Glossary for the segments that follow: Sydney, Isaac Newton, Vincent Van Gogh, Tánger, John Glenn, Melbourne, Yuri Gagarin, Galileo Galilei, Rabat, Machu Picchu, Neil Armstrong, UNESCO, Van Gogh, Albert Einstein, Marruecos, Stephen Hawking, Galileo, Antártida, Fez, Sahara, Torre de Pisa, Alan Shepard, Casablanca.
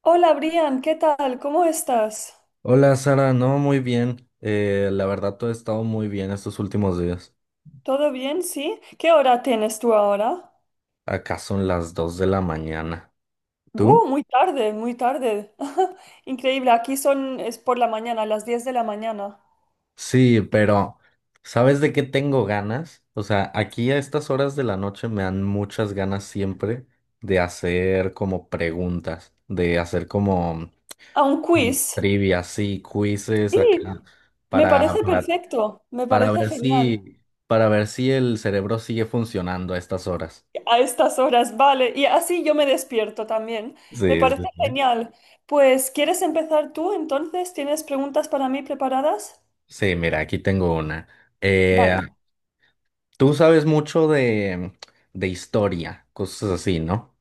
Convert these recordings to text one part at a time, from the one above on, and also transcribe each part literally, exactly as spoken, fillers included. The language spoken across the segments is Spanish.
Hola Brian, ¿qué tal? ¿Cómo estás? Hola Sara, no, muy bien. Eh, la verdad todo ha estado muy bien estos últimos días. ¿Todo bien? ¿Sí? ¿Qué hora tienes tú ahora? Acá son las dos de la mañana. ¿Tú? Uh, muy tarde, muy tarde. Increíble, aquí son, es por la mañana, las diez de la mañana. Sí, pero ¿sabes de qué tengo ganas? O sea, aquí a estas horas de la noche me dan muchas ganas siempre de hacer como preguntas, de hacer como, ¿A un como quiz? trivias, sí, quizzes Sí, acá me para, parece para, perfecto, me para parece ver genial. si, para ver si el cerebro sigue funcionando a estas horas. A estas horas, vale, y así yo me despierto también. Me Sí, parece sí, sí. genial. Pues, ¿quieres empezar tú entonces? ¿Tienes preguntas para mí preparadas? Sí, mira, aquí tengo una. Eh, Vale. Tú sabes mucho de, de historia, cosas así, ¿no?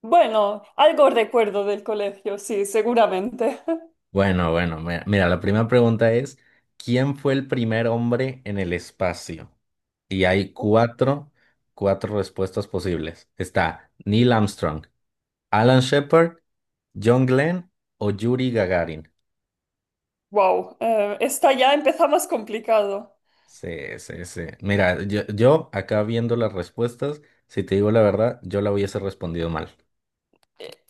Bueno, algo recuerdo del colegio, sí, seguramente. Bueno, bueno, mira, mira, la primera pregunta es, ¿quién fue el primer hombre en el espacio? Y hay cuatro, cuatro respuestas posibles. Está Neil Armstrong, Alan Shepard, John Glenn o Yuri Gagarin. Wow, eh, esta ya empieza más complicado. Sí, sí, sí. Mira, yo, yo acá viendo las respuestas, si te digo la verdad, yo la hubiese respondido mal.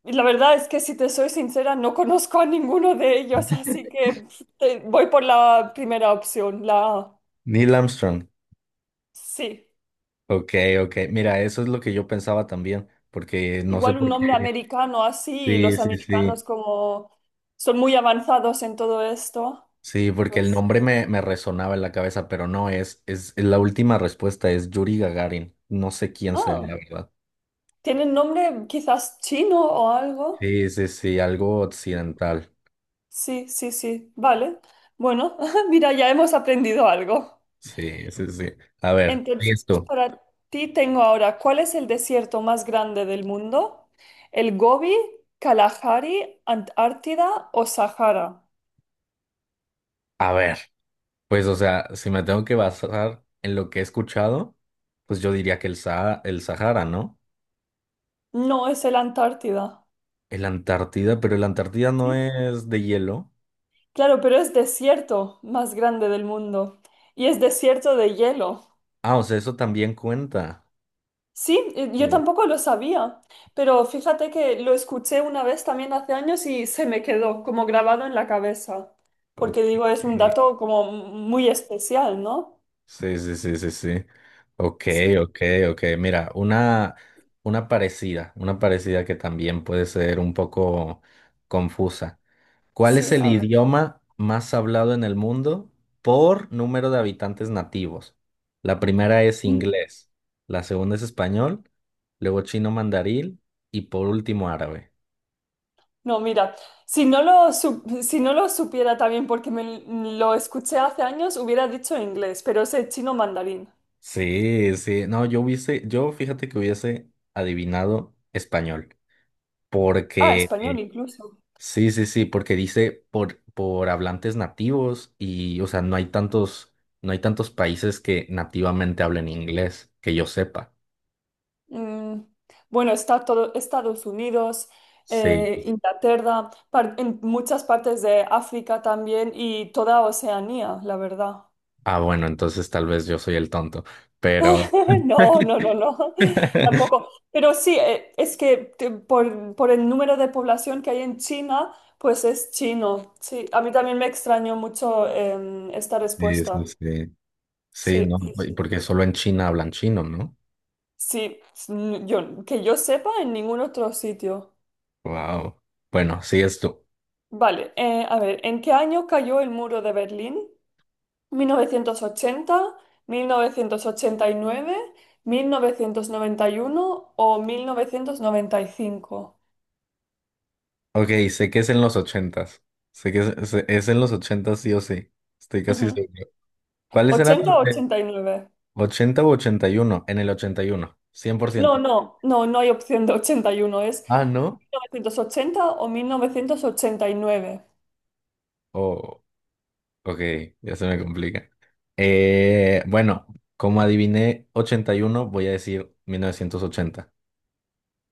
Y la verdad es que si te soy sincera, no conozco a ninguno de ellos, así que pf, te- voy por la primera opción, la A. Neil Armstrong. Sí, Ok, ok. Mira, eso es lo que yo pensaba también, porque no sé igual un por nombre qué. americano así, y Sí, los sí, sí. americanos como son muy avanzados en todo esto, Sí, porque el pues, nombre me, me resonaba en la cabeza, pero no, es, es, la última respuesta es Yuri Gagarin. No sé quién sea, ah, la verdad. tienen nombre quizás chino o algo. Sí, sí, sí, algo occidental. Sí, sí, sí. Vale. Bueno, mira, ya hemos aprendido algo. Sí, sí, sí. A ver, Entonces, listo. para ti tengo ahora, ¿cuál es el desierto más grande del mundo? ¿El Gobi, Kalahari, Antártida o Sahara? A ver, pues, o sea, si me tengo que basar en lo que he escuchado, pues yo diría que el Sa- el Sahara, ¿no? No, es el Antártida. El Antártida, pero el Antártida no Sí. es de hielo. Claro, pero es desierto más grande del mundo. Y es desierto de hielo. Ah, o sea, eso también cuenta. Sí, eh, yo Oh, tampoco lo sabía, pero fíjate que lo escuché una vez también hace años y se me quedó como grabado en la cabeza, porque ok. digo, es un dato como muy especial, ¿no? Sí, sí, sí, sí, sí. Ok, Sí, ok, ok. Mira, una, una parecida, una parecida que también puede ser un poco confusa. ¿Cuál es sí, el a Sí. ver. idioma más hablado en el mundo por número de habitantes nativos? La primera es inglés, la segunda es español, luego chino mandarín y por último árabe. No, mira, si no lo, su- si no lo supiera también porque me lo escuché hace años, hubiera dicho inglés, pero es el chino mandarín. Sí, sí. No, yo hubiese, yo fíjate que hubiese adivinado español. Ah, Porque, español eh, incluso. sí, sí, sí, porque dice por, por hablantes nativos y, o sea, no hay tantos, no hay tantos países que nativamente hablen inglés, que yo sepa. Mm, bueno, está todo Estados Unidos, Sí. eh, Inglaterra, par- en muchas partes de África también y toda Oceanía, la verdad. Ah, bueno, entonces tal vez yo soy el tonto, pero... No, no, no, no, tampoco. Pero sí, eh, es que te- por, por el número de población que hay en China, pues es chino. Sí, a mí también me extrañó mucho em, esta Sí, sí, respuesta. sí. Sí, Sí, no, sí, sí. porque solo en China hablan chino, ¿no? Sí, s- n- yo, que yo sepa en ningún otro sitio. Wow. Bueno, sí, es tú. Vale, eh, a ver, ¿en qué año cayó el muro de Berlín? Mil mil mil novecientos novecientos novecientos ochenta, ochenta y nueve, mil novecientos noventa y uno o mil novecientos noventa y cinco? Ok, sé que es en los ochentas. Sé que es, se- es en los ochentas sí o sí. Estoy casi Ujú. seguro. ¿Cuáles eran Ochenta los o de ochenta y nueve. ochenta u ochenta y uno? En el ochenta y uno, cien por No, ciento. no, no, no hay opción de ochenta y uno, es Ah, mil ¿no? novecientos ochenta o mil novecientos ochenta y nueve. Oh, ok, ya se me complica. Eh, bueno, como adiviné ochenta y uno, voy a decir mil novecientos ochenta.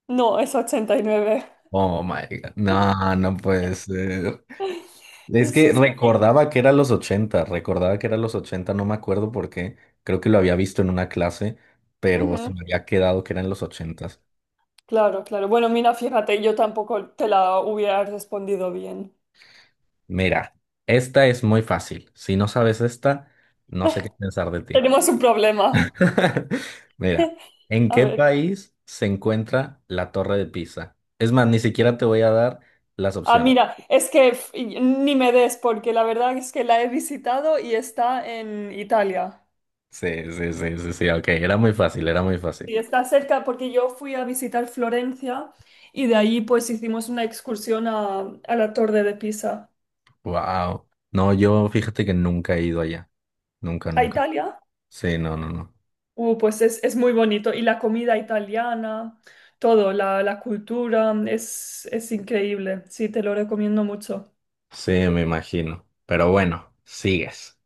No, es ochenta y nueve. Oh my God. No, no puede ser. Es Sí, que sí, sí. recordaba que era los ochenta, recordaba que era los ochenta. No me acuerdo por qué, creo que lo había visto en una clase, pero se Ujú. me había quedado que eran los ochenta. Claro, claro. Bueno, mira, fíjate, yo tampoco te la hubiera respondido bien. Mira, esta es muy fácil, si no sabes esta, no sé qué pensar de ti. Tenemos un problema. Mira, ¿en A qué ver. país se encuentra la Torre de Pisa? Es más, ni siquiera te voy a dar las Ah, opciones. mira, es que f- ni me des, porque la verdad es que la he visitado y está en Italia. Sí, sí, sí, sí, sí, ok, era muy fácil, era muy fácil. Y está cerca porque yo fui a visitar Florencia y de ahí pues hicimos una excursión a, a la Torre de Pisa. Wow. No, yo fíjate que nunca he ido allá, nunca, ¿A nunca. Italia? Sí, no, no, no. Uh, pues es, es muy bonito. Y la comida italiana, todo, la, la cultura, es, es increíble. Sí, te lo recomiendo mucho. Sí, me imagino. Pero bueno, sigues.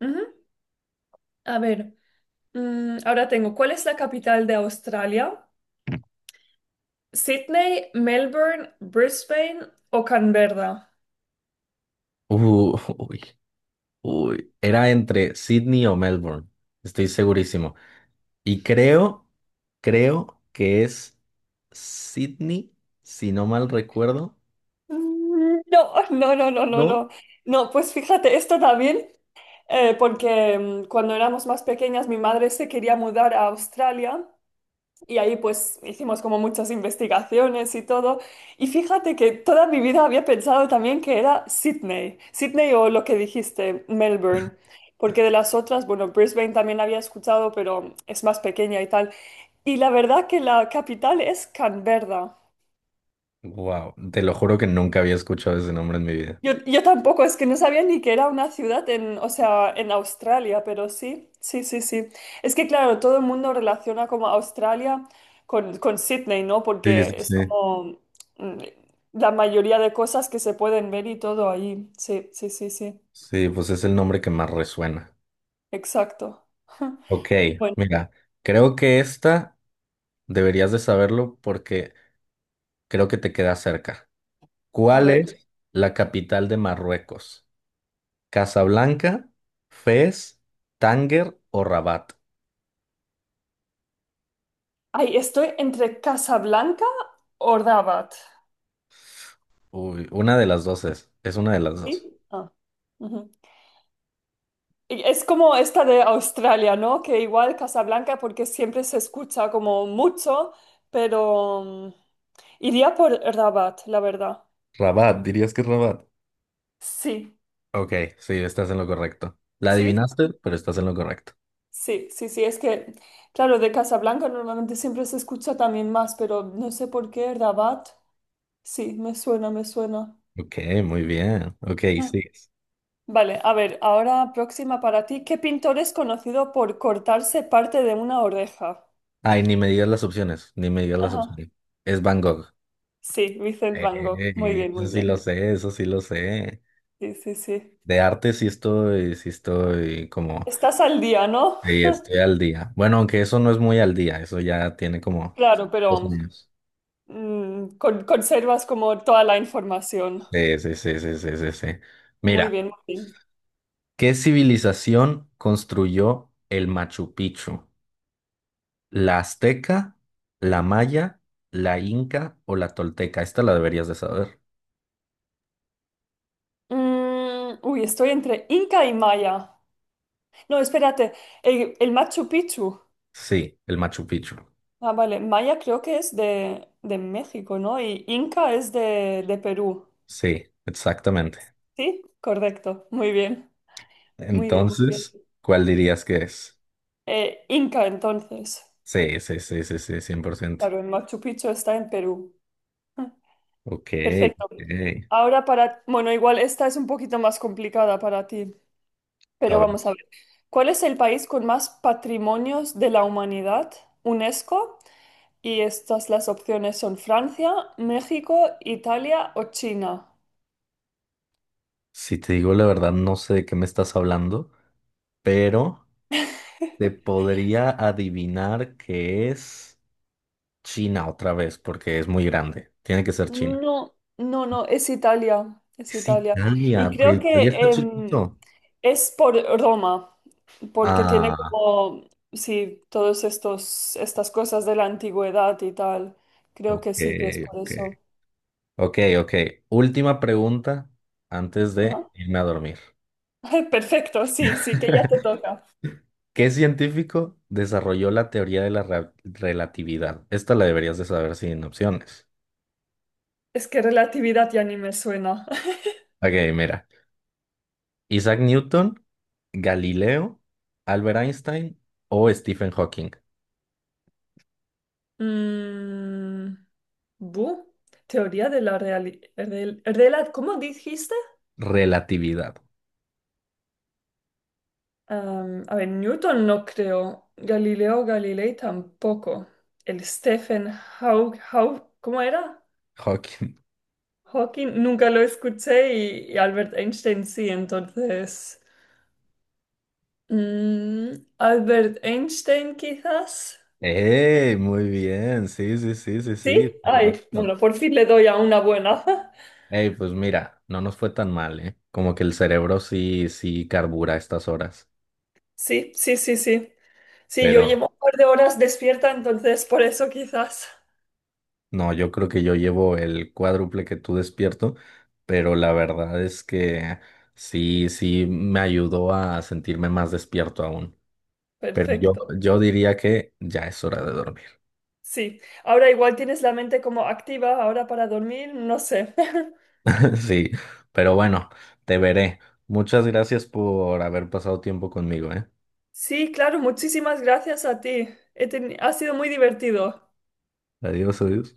Ujú. A ver, mm, ahora tengo, ¿cuál es la capital de Australia? Sydney, Melbourne, Brisbane o Canberra. Uh, uy, uy. Era entre Sydney o Melbourne. Estoy segurísimo. Y creo, creo que es Sydney, si no mal recuerdo. Mm, no, no, no, no, no, ¿No? no. No, pues fíjate, esto también, eh, porque mm, cuando éramos más pequeñas mi madre se quería mudar a Australia. Y ahí pues hicimos como muchas investigaciones y todo. Y fíjate que toda mi vida había pensado también que era Sydney, Sydney o lo que dijiste, Melbourne. Porque de las otras, bueno, Brisbane también había escuchado, pero es más pequeña y tal. Y la verdad que la capital es Canberra. Wow, te lo juro que nunca había escuchado ese nombre en mi vida. Yo, yo tampoco, es que no sabía ni que era una ciudad en, o sea, en Australia, pero sí, sí, sí, sí. Es que claro, todo el mundo relaciona como Australia con, con Sydney, ¿no? Sí, sí, Porque es sí. como mm, la mayoría de cosas que se pueden ver y todo ahí. Sí, sí, sí, sí. Sí, pues es el nombre que más resuena. Exacto. Ok, Bueno, mira, creo que esta deberías de saberlo porque creo que te queda cerca. a ¿Cuál ver. es la capital de Marruecos? ¿Casablanca, Fez, Tánger o Rabat? Ay, estoy entre Casablanca o Rabat. Uy, una de las dos es. Es una de las dos. ¿Sí? Ah, ujú. Y es como esta de Australia, ¿no? Que igual Casablanca, porque siempre se escucha como mucho, pero mm, iría por Rabat, la verdad. Rabat, dirías que es Rabat. Sí, Ok, sí, estás en lo correcto. La sí, adivinaste, pero estás en lo correcto. sí, sí, sí. Es que, claro, de Casablanca normalmente siempre se escucha también más, pero no sé por qué Rabat. Sí, me suena, me suena. Ok, muy bien. Ok, sigues. Vale, a ver, ahora próxima para ti. ¿Qué pintor es conocido por cortarse parte de una oreja? Ay, ni me digas las opciones, ni me digas las Ajá. opciones. Es Van Gogh. Sí, Vincent Van Gogh. Muy Ey, bien, eso muy sí lo bien. sé, eso sí lo sé. Sí, sí, sí. De arte sí estoy, sí estoy como Estás al día, ¿no? sí, estoy al día. Bueno, aunque eso no es muy al día, eso ya tiene como Claro, dos pero años. mm, con- conservas como toda la información. Sí, sí, sí, sí, sí, sí, sí. Muy Mira, bien, muy bien. ¿qué civilización construyó el Machu Picchu? ¿La azteca, la maya, la inca o la tolteca? Esta la deberías de saber. Mm, uy, estoy entre Inca y Maya. No, espérate, el, el Machu Picchu. Sí, el Machu Picchu. Ah, vale, Maya creo que es de, de México, ¿no? Y Inca es de, de Perú. Sí, exactamente. ¿Sí? Correcto, muy bien, muy bien, muy bien. Entonces, ¿cuál dirías que es? Eh, Inca entonces. Sí, sí, sí, sí, sí, cien por ciento. Claro, el Machu Picchu está en Perú. Ah. Ok, Perfecto. ok. Ahora para, bueno, igual esta es un poquito más complicada para ti, A pero ver. vamos a ver. ¿Cuál es el país con más patrimonios de la humanidad? UNESCO. Y estas las opciones son Francia, México, Italia o China. Si te digo la verdad, no sé de qué me estás hablando, pero te podría adivinar que es China otra vez, porque es muy grande. Tiene que ser China. No, no, no, es Italia, es Es Italia. Y Italia, pero creo Italia está que em, chiquito. es por Roma, porque tiene Ah, como, sí, todos estos, estas cosas de la antigüedad y tal. Creo que ok, sí que es por eso. ok. Ok, ok. Última pregunta antes Ajá. de irme a dormir. Perfecto, sí, sí, que ya te toca. ¿Qué científico desarrolló la teoría de la re- relatividad? Esta la deberías de saber sin opciones. Es que relatividad ya ni me suena. Ok, mira. Isaac Newton. Galileo, Albert Einstein o Stephen Hawking. Mm, bu, teoría de la realidad. ¿Cómo dijiste? Relatividad. Am, a ver, Newton no creo. Galileo Galilei tampoco. El Stephen Hawking, ¿cómo era? Hawking. Hawking nunca lo escuché y, y Albert Einstein sí, entonces. mm, Albert Einstein quizás. ¡Ey! Muy bien. Sí, sí, sí, sí, Sí, sí. Está ay, correcto. bueno, por fin le doy a una buena. ¡Ey! Pues mira, no nos fue tan mal, ¿eh? Como que el cerebro sí, sí carbura a estas horas. Sí, sí, sí, sí. Sí, yo Pero llevo un par de horas despierta, entonces por eso quizás. no, yo creo que yo llevo el cuádruple que tú despierto, pero la verdad es que sí, sí me ayudó a sentirme más despierto aún. Pero yo, Perfecto. yo diría que ya es hora de dormir. Sí, ahora igual tienes la mente como activa, ahora para dormir, no sé. Sí, pero bueno, te veré. Muchas gracias por haber pasado tiempo conmigo, ¿eh? Sí, claro, muchísimas gracias a ti. He teni- ha sido muy divertido. Adiós, adiós.